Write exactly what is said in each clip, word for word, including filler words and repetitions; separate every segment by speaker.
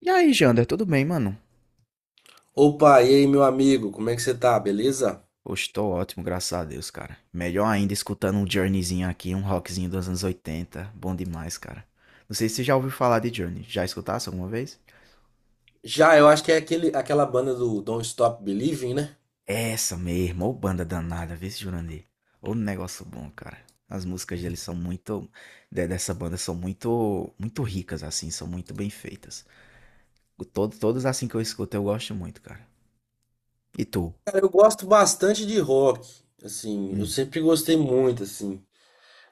Speaker 1: E aí, Jander, tudo bem, mano?
Speaker 2: Opa, e aí, meu amigo, como é que você tá? Beleza?
Speaker 1: Hoje tô ótimo, graças a Deus, cara. Melhor ainda escutando um Journeyzinho aqui, um rockzinho dos anos oitenta. Bom demais, cara. Não sei se você já ouviu falar de Journey. Já escutasse alguma vez?
Speaker 2: Já, eu acho que é aquele, aquela banda do Don't Stop Believing, né?
Speaker 1: Essa mesmo, ô banda danada, vê se Jurandir. Ô negócio bom, cara. As músicas deles são muito. De- dessa banda são muito. Muito ricas, assim, são muito bem feitas. O Todo, todas assim que eu escuto, eu gosto muito, cara. E tu?
Speaker 2: Cara, eu gosto bastante de rock, assim, eu
Speaker 1: Hum,
Speaker 2: sempre gostei muito, assim,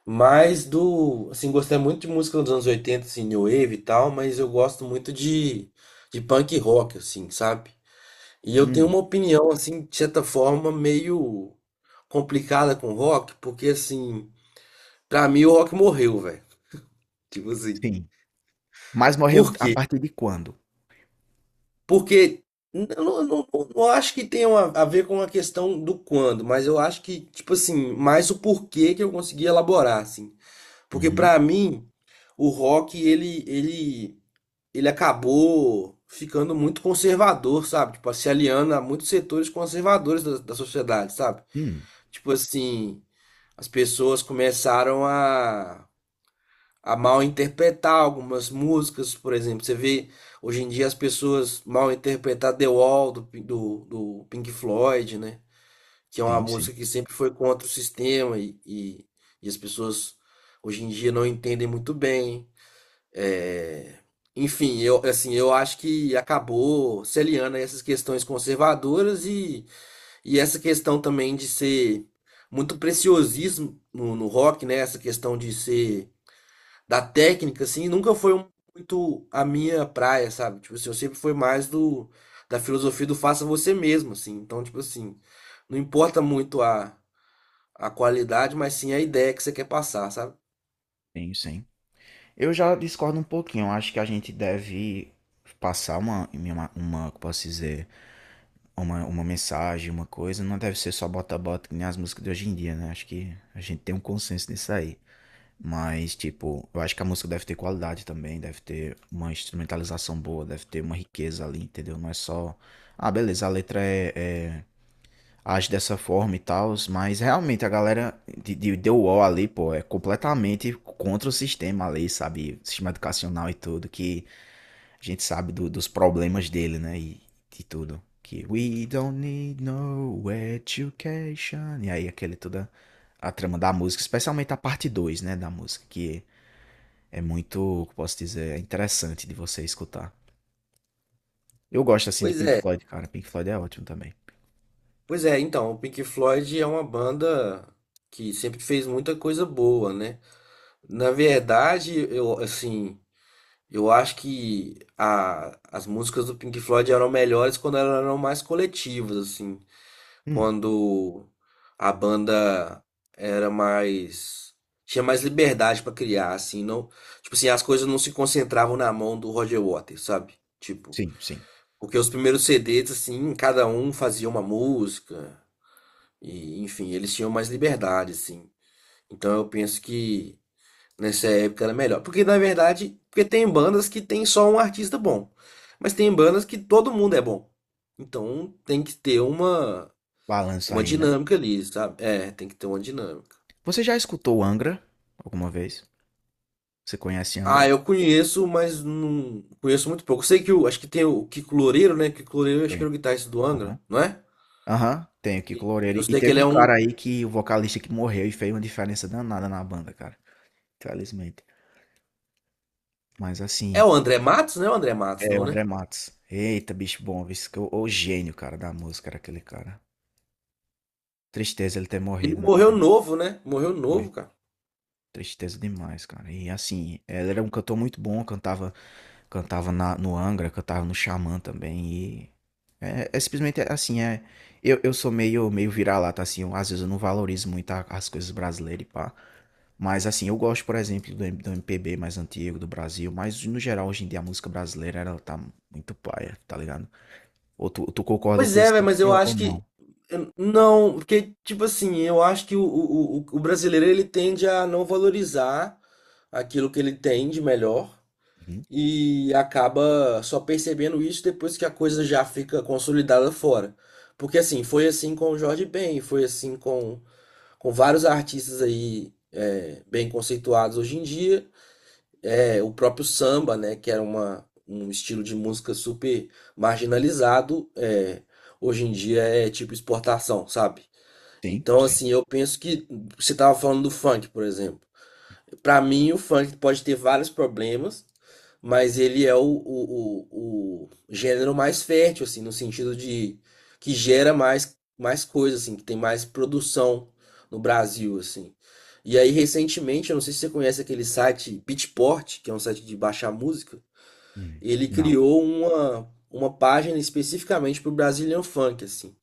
Speaker 2: mas do, assim, gostei muito de música dos anos oitenta, assim, New Wave e tal, mas eu gosto muito de, de punk rock, assim, sabe? E eu tenho
Speaker 1: hum,
Speaker 2: uma opinião, assim, de certa forma, meio complicada com rock, porque, assim, pra mim o rock morreu, velho, tipo assim,
Speaker 1: sim. Mas morreu
Speaker 2: por
Speaker 1: a
Speaker 2: quê?
Speaker 1: partir de quando?
Speaker 2: Porque eu não, não, não- acho que tenha uma- a ver com a questão do quando, mas eu acho que, tipo assim, mais o porquê que eu consegui elaborar, assim. Porque
Speaker 1: Uhum.
Speaker 2: pra mim, o rock, ele, ele, ele acabou ficando muito conservador, sabe? Tipo, se aliando a muitos setores conservadores da, da sociedade, sabe?
Speaker 1: Hum.
Speaker 2: Tipo assim, as pessoas começaram a a mal interpretar algumas músicas, por exemplo. Você vê hoje em dia as pessoas mal interpretar The Wall do, Pin- do, do Pink Floyd, né? Que é uma
Speaker 1: Sim, sim,
Speaker 2: música que sempre foi contra o sistema e, e, e as pessoas hoje em dia não entendem muito bem. É, enfim, eu, assim, eu acho que acabou se aliando a essas questões conservadoras e, e essa questão também de ser muito preciosismo no, no rock, né? Essa questão de ser da técnica, assim, nunca foi um- muito a minha praia, sabe? Tipo assim, eu sempre fui mais do da filosofia do faça você mesmo, assim. Então, tipo assim, não importa muito a, a qualidade, mas sim a ideia que você quer passar, sabe?
Speaker 1: sim, sim. Eu já discordo um pouquinho. Eu acho que a gente deve passar uma, uma, uma como posso dizer, uma, uma mensagem, uma coisa. Não deve ser só bota-bota, que nem as músicas de hoje em dia, né? Acho que a gente tem um consenso nisso aí. Mas, tipo, eu acho que a música deve ter qualidade também, deve ter uma instrumentalização boa, deve ter uma riqueza ali, entendeu? Não é só. Ah, beleza, a letra é, é age dessa forma e tal, mas realmente a galera de, de The Wall ali, pô, é completamente contra o sistema ali, sabe? Sistema educacional e tudo, que a gente sabe do- dos problemas dele, né? E de tudo. Que we don't need no education. E aí aquele toda a trama da música, especialmente a parte dois, né, da música, que é muito, que posso dizer, é interessante de você escutar. Eu gosto assim de
Speaker 2: Pois
Speaker 1: Pink
Speaker 2: é,
Speaker 1: Floyd, cara. Pink Floyd é ótimo também.
Speaker 2: pois é, então, o Pink Floyd é uma banda que sempre fez muita coisa boa, né? Na verdade, eu, assim, eu acho que a, as músicas do Pink Floyd eram melhores quando elas eram mais coletivas, assim.
Speaker 1: Hum,
Speaker 2: Quando a banda era mais, tinha mais liberdade pra criar, assim, não, tipo assim, as coisas não se concentravam na mão do Roger Waters, sabe? Tipo,
Speaker 1: sim, sim.
Speaker 2: porque os primeiros C Ds assim, cada um fazia uma música e enfim, eles tinham mais liberdade assim. Então eu penso que nessa época era melhor, porque na verdade, porque tem bandas que tem só um artista bom, mas tem bandas que todo mundo é bom. Então tem que ter uma
Speaker 1: Balanço
Speaker 2: uma
Speaker 1: aí, né?
Speaker 2: dinâmica ali, sabe? É, tem que ter uma dinâmica.
Speaker 1: Você já escutou Angra alguma vez? Você conhece
Speaker 2: Ah,
Speaker 1: Angra?
Speaker 2: eu conheço, mas não conheço muito pouco. Sei que o, acho que tem o Kiko Loureiro, né? Kiko Loureiro, acho que
Speaker 1: Conhe
Speaker 2: era o guitarrista do
Speaker 1: Aham.
Speaker 2: Angra, não é?
Speaker 1: Aham, tem o
Speaker 2: Sim.
Speaker 1: Kiko Loureiro.
Speaker 2: Eu
Speaker 1: E
Speaker 2: sei que
Speaker 1: teve
Speaker 2: ele
Speaker 1: um
Speaker 2: é um.
Speaker 1: cara aí que o vocalista que morreu e fez uma diferença danada na banda, cara. Infelizmente. Mas
Speaker 2: É
Speaker 1: assim,
Speaker 2: o André Matos, né? O André Matos,
Speaker 1: é o
Speaker 2: não, né?
Speaker 1: André Matos. Eita, bicho bom, viu? Esse que- é O, o gênio, cara, da música era aquele cara. Tristeza ele ter
Speaker 2: Ele
Speaker 1: morrido, né,
Speaker 2: morreu
Speaker 1: velho?
Speaker 2: novo, né? Morreu novo,
Speaker 1: Foi.
Speaker 2: cara.
Speaker 1: Tristeza demais, cara. E assim, ela era um cantor muito bom, cantava, cantava na, no Angra, cantava no Xamã também. E é, é simplesmente é, assim, é. Eu, eu sou meio, meio vira-lata, assim, eu, às vezes eu não valorizo muito a- as coisas brasileiras e pá. Mas assim, eu gosto, por exemplo, do, M- do M P B mais antigo do Brasil, mas no geral, hoje em dia, a música brasileira, ela tá muito paia, tá ligado? Ou tu, tu concorda
Speaker 2: Pois
Speaker 1: com
Speaker 2: é,
Speaker 1: isso
Speaker 2: velho, mas
Speaker 1: também,
Speaker 2: eu
Speaker 1: ou ou
Speaker 2: acho que
Speaker 1: não?
Speaker 2: eu- não, porque, tipo assim, eu acho que o, o, o o brasileiro ele tende a não valorizar aquilo que ele tem de melhor.
Speaker 1: Uhum.
Speaker 2: E acaba só percebendo isso depois que a coisa já fica consolidada fora. Porque assim, foi assim com o Jorge Ben, foi assim com, com vários artistas aí é, bem conceituados hoje em dia. É, o próprio samba, né, que era uma, um estilo de música super marginalizado, é, hoje em dia é tipo exportação, sabe?
Speaker 1: Sim,
Speaker 2: Então,
Speaker 1: sim.
Speaker 2: assim, eu penso que você estava falando do funk, por exemplo. Para mim, o funk pode ter vários problemas, mas ele é o, o, o, o gênero mais fértil, assim, no sentido de que gera mais, mais coisa, assim, que tem mais produção no Brasil, assim. E aí, recentemente, eu não sei se você conhece aquele site Beatport, que é um site de baixar música,
Speaker 1: Hum.
Speaker 2: ele
Speaker 1: Não.
Speaker 2: criou uma, uma página especificamente pro Brazilian Funk, assim.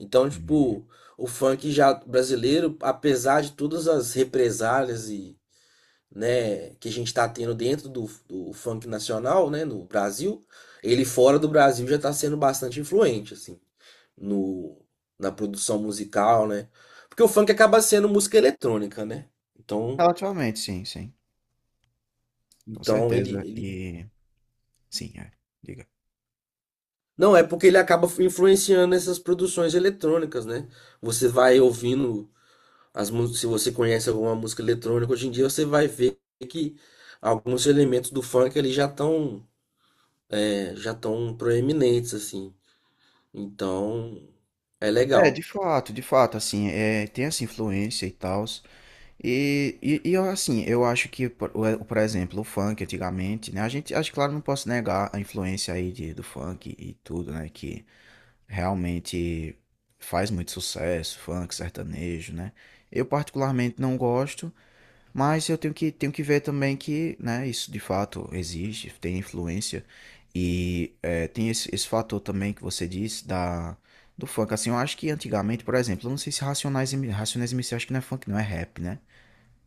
Speaker 2: Então,
Speaker 1: Hum.
Speaker 2: tipo, o funk já brasileiro, apesar de todas as represálias e né, que a gente está tendo dentro do, do funk nacional, né, no Brasil, ele fora do Brasil já está sendo bastante influente, assim, no, na produção musical, né? Porque o funk acaba sendo música eletrônica, né? Então,
Speaker 1: Relativamente, sim, sim. Com
Speaker 2: então ele,
Speaker 1: certeza.
Speaker 2: ele...
Speaker 1: E sim, é. Diga.
Speaker 2: Não, é porque ele acaba influenciando essas produções eletrônicas, né? Você vai ouvindo as músicas, se você conhece alguma música eletrônica hoje em dia, você vai ver que alguns elementos do funk ali já estão já estão proeminentes assim. Então, é
Speaker 1: É, de
Speaker 2: legal.
Speaker 1: fato, de fato, assim, é, tem essa influência e tal. E, e, e eu, assim, eu acho que, por, o- é, por exemplo, o funk antigamente, né? A gente, acho que, claro, não posso negar a influência aí de, do funk e tudo, né? Que realmente faz muito sucesso, funk, sertanejo, né? Eu particularmente não gosto. Mas eu tenho que, tenho que ver também que, né, isso de fato existe, tem influência. E é, tem esse, esse fator também que você disse da, do funk. Assim, eu acho que antigamente, por exemplo, eu não sei se Racionais, M- Racionais M C, acho que não é funk, não é rap, né?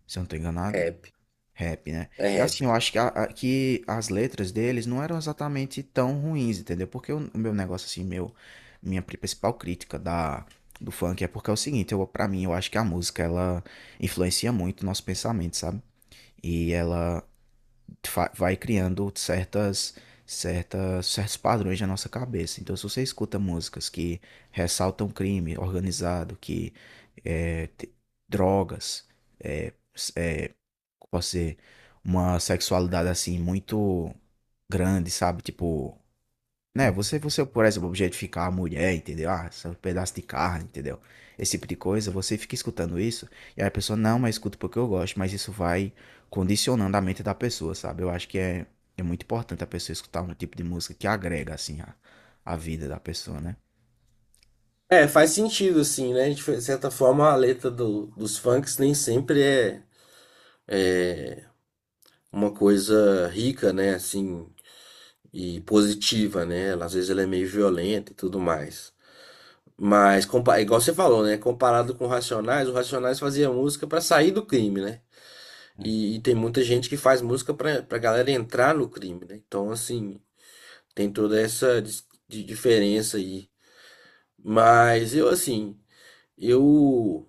Speaker 1: Se eu não tô
Speaker 2: É
Speaker 1: enganado.
Speaker 2: rap,
Speaker 1: Rap, né?
Speaker 2: é
Speaker 1: E assim,
Speaker 2: rap.
Speaker 1: eu acho que, a- a- que as letras deles não eram exatamente tão ruins, entendeu? Porque o, o meu negócio, assim, meu, minha pri- principal crítica da, do funk é porque é o seguinte, eu, pra mim, eu acho que a música, ela influencia muito o nosso pensamento, sabe? E ela fa- vai criando certas, certas, certos padrões na nossa cabeça. Então, se você escuta músicas que ressaltam crime organizado, que é, te- drogas, é, s- é, como posso dizer, uma sexualidade assim muito grande, sabe? Tipo, né? Você, você, por exemplo, objetificar a mulher, entendeu? Ah, esse é um pedaço de carne, entendeu? Esse tipo de coisa, você fica escutando isso, e aí a pessoa, não, mas escuta porque eu gosto, mas isso vai condicionando a mente da pessoa, sabe? Eu acho que é, é muito importante a pessoa escutar um tipo de música que agrega, assim, a, a vida da pessoa, né?
Speaker 2: É, faz sentido, assim, né? De certa forma, a letra do- dos funks nem sempre é uma coisa rica, né? Assim, e positiva, né? Ela, às vezes ela é meio violenta e tudo mais. Mas, compa- igual você falou, né? Comparado com o Racionais, o Racionais fazia música pra sair do crime, né?
Speaker 1: É.
Speaker 2: E, e tem muita gente que faz música pra, pra galera entrar no crime, né? Então, assim, tem toda essa dis- de diferença aí. Mas eu, assim. Eu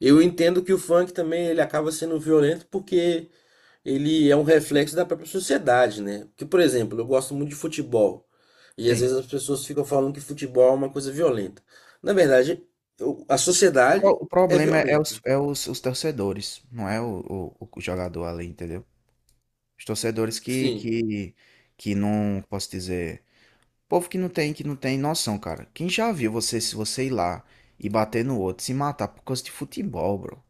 Speaker 2: eu entendo que o funk também ele acaba sendo violento porque ele é um reflexo da própria sociedade, né? Porque, por exemplo, eu gosto muito de futebol e às
Speaker 1: Sim.
Speaker 2: vezes as pessoas ficam falando que futebol é uma coisa violenta. Na verdade, eu- a
Speaker 1: Pro-
Speaker 2: sociedade
Speaker 1: O
Speaker 2: é
Speaker 1: problema é é os,
Speaker 2: violenta.
Speaker 1: é os, os torcedores, não é o, o, o jogador ali, entendeu? Os torcedores que,
Speaker 2: Sim.
Speaker 1: que, que não, posso dizer. Povo que não tem, que não tem noção, cara. Quem já viu você, se você ir lá e bater no outro, se matar por causa de futebol, bro?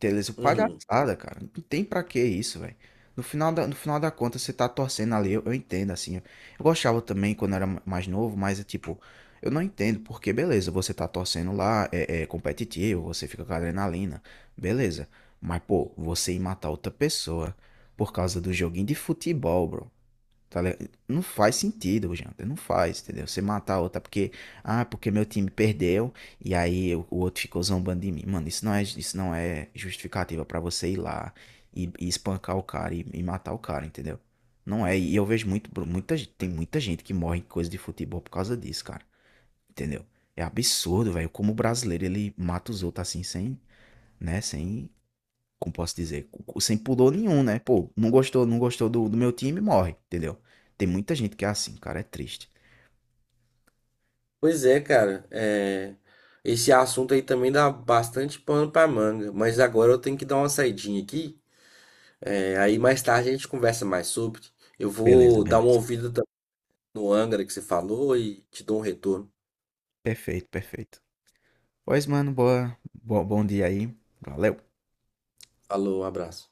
Speaker 1: Beleza,
Speaker 2: Uhum.
Speaker 1: palhaçada, cara. Não tem pra que isso, velho. No final da, no final da conta, você tá torcendo ali, eu, eu entendo, assim. Eu eu gostava também quando era ma- mais novo, mas é tipo, eu não entendo porque, beleza, você tá torcendo lá, é, é competitivo, você fica com adrenalina, beleza. Mas, pô, você ir matar outra pessoa por causa do joguinho de futebol, bro. Tá ligado? Não faz sentido, Janta. Não faz, entendeu? Você matar a outra porque. Ah, porque meu time perdeu e aí o o outro ficou zombando de mim. Mano, isso não é, isso não é justificativa pra você ir lá e, e espancar o cara e, e matar o cara, entendeu? Não é. E eu vejo muito, muita, gente- tem muita gente que morre em coisa de futebol por causa disso, cara. Entendeu? É absurdo, velho. Como o brasileiro ele mata os outros assim, sem, né? Sem como posso dizer, cu- sem pudor nenhum, né? Pô, não gostou, não gostou do, do meu time, morre, entendeu? Tem muita gente que é assim, cara, é triste.
Speaker 2: Pois é, cara. É, esse assunto aí também dá bastante pano pra manga. Mas agora eu tenho que dar uma saidinha aqui. É, aí mais tarde a gente conversa mais sobre. Eu
Speaker 1: Beleza,
Speaker 2: vou dar uma
Speaker 1: beleza.
Speaker 2: ouvida no Angra que você falou e te dou um retorno.
Speaker 1: Perfeito, perfeito. Pois, mano, boa, bo- bom dia aí. Valeu.
Speaker 2: Alô, um abraço.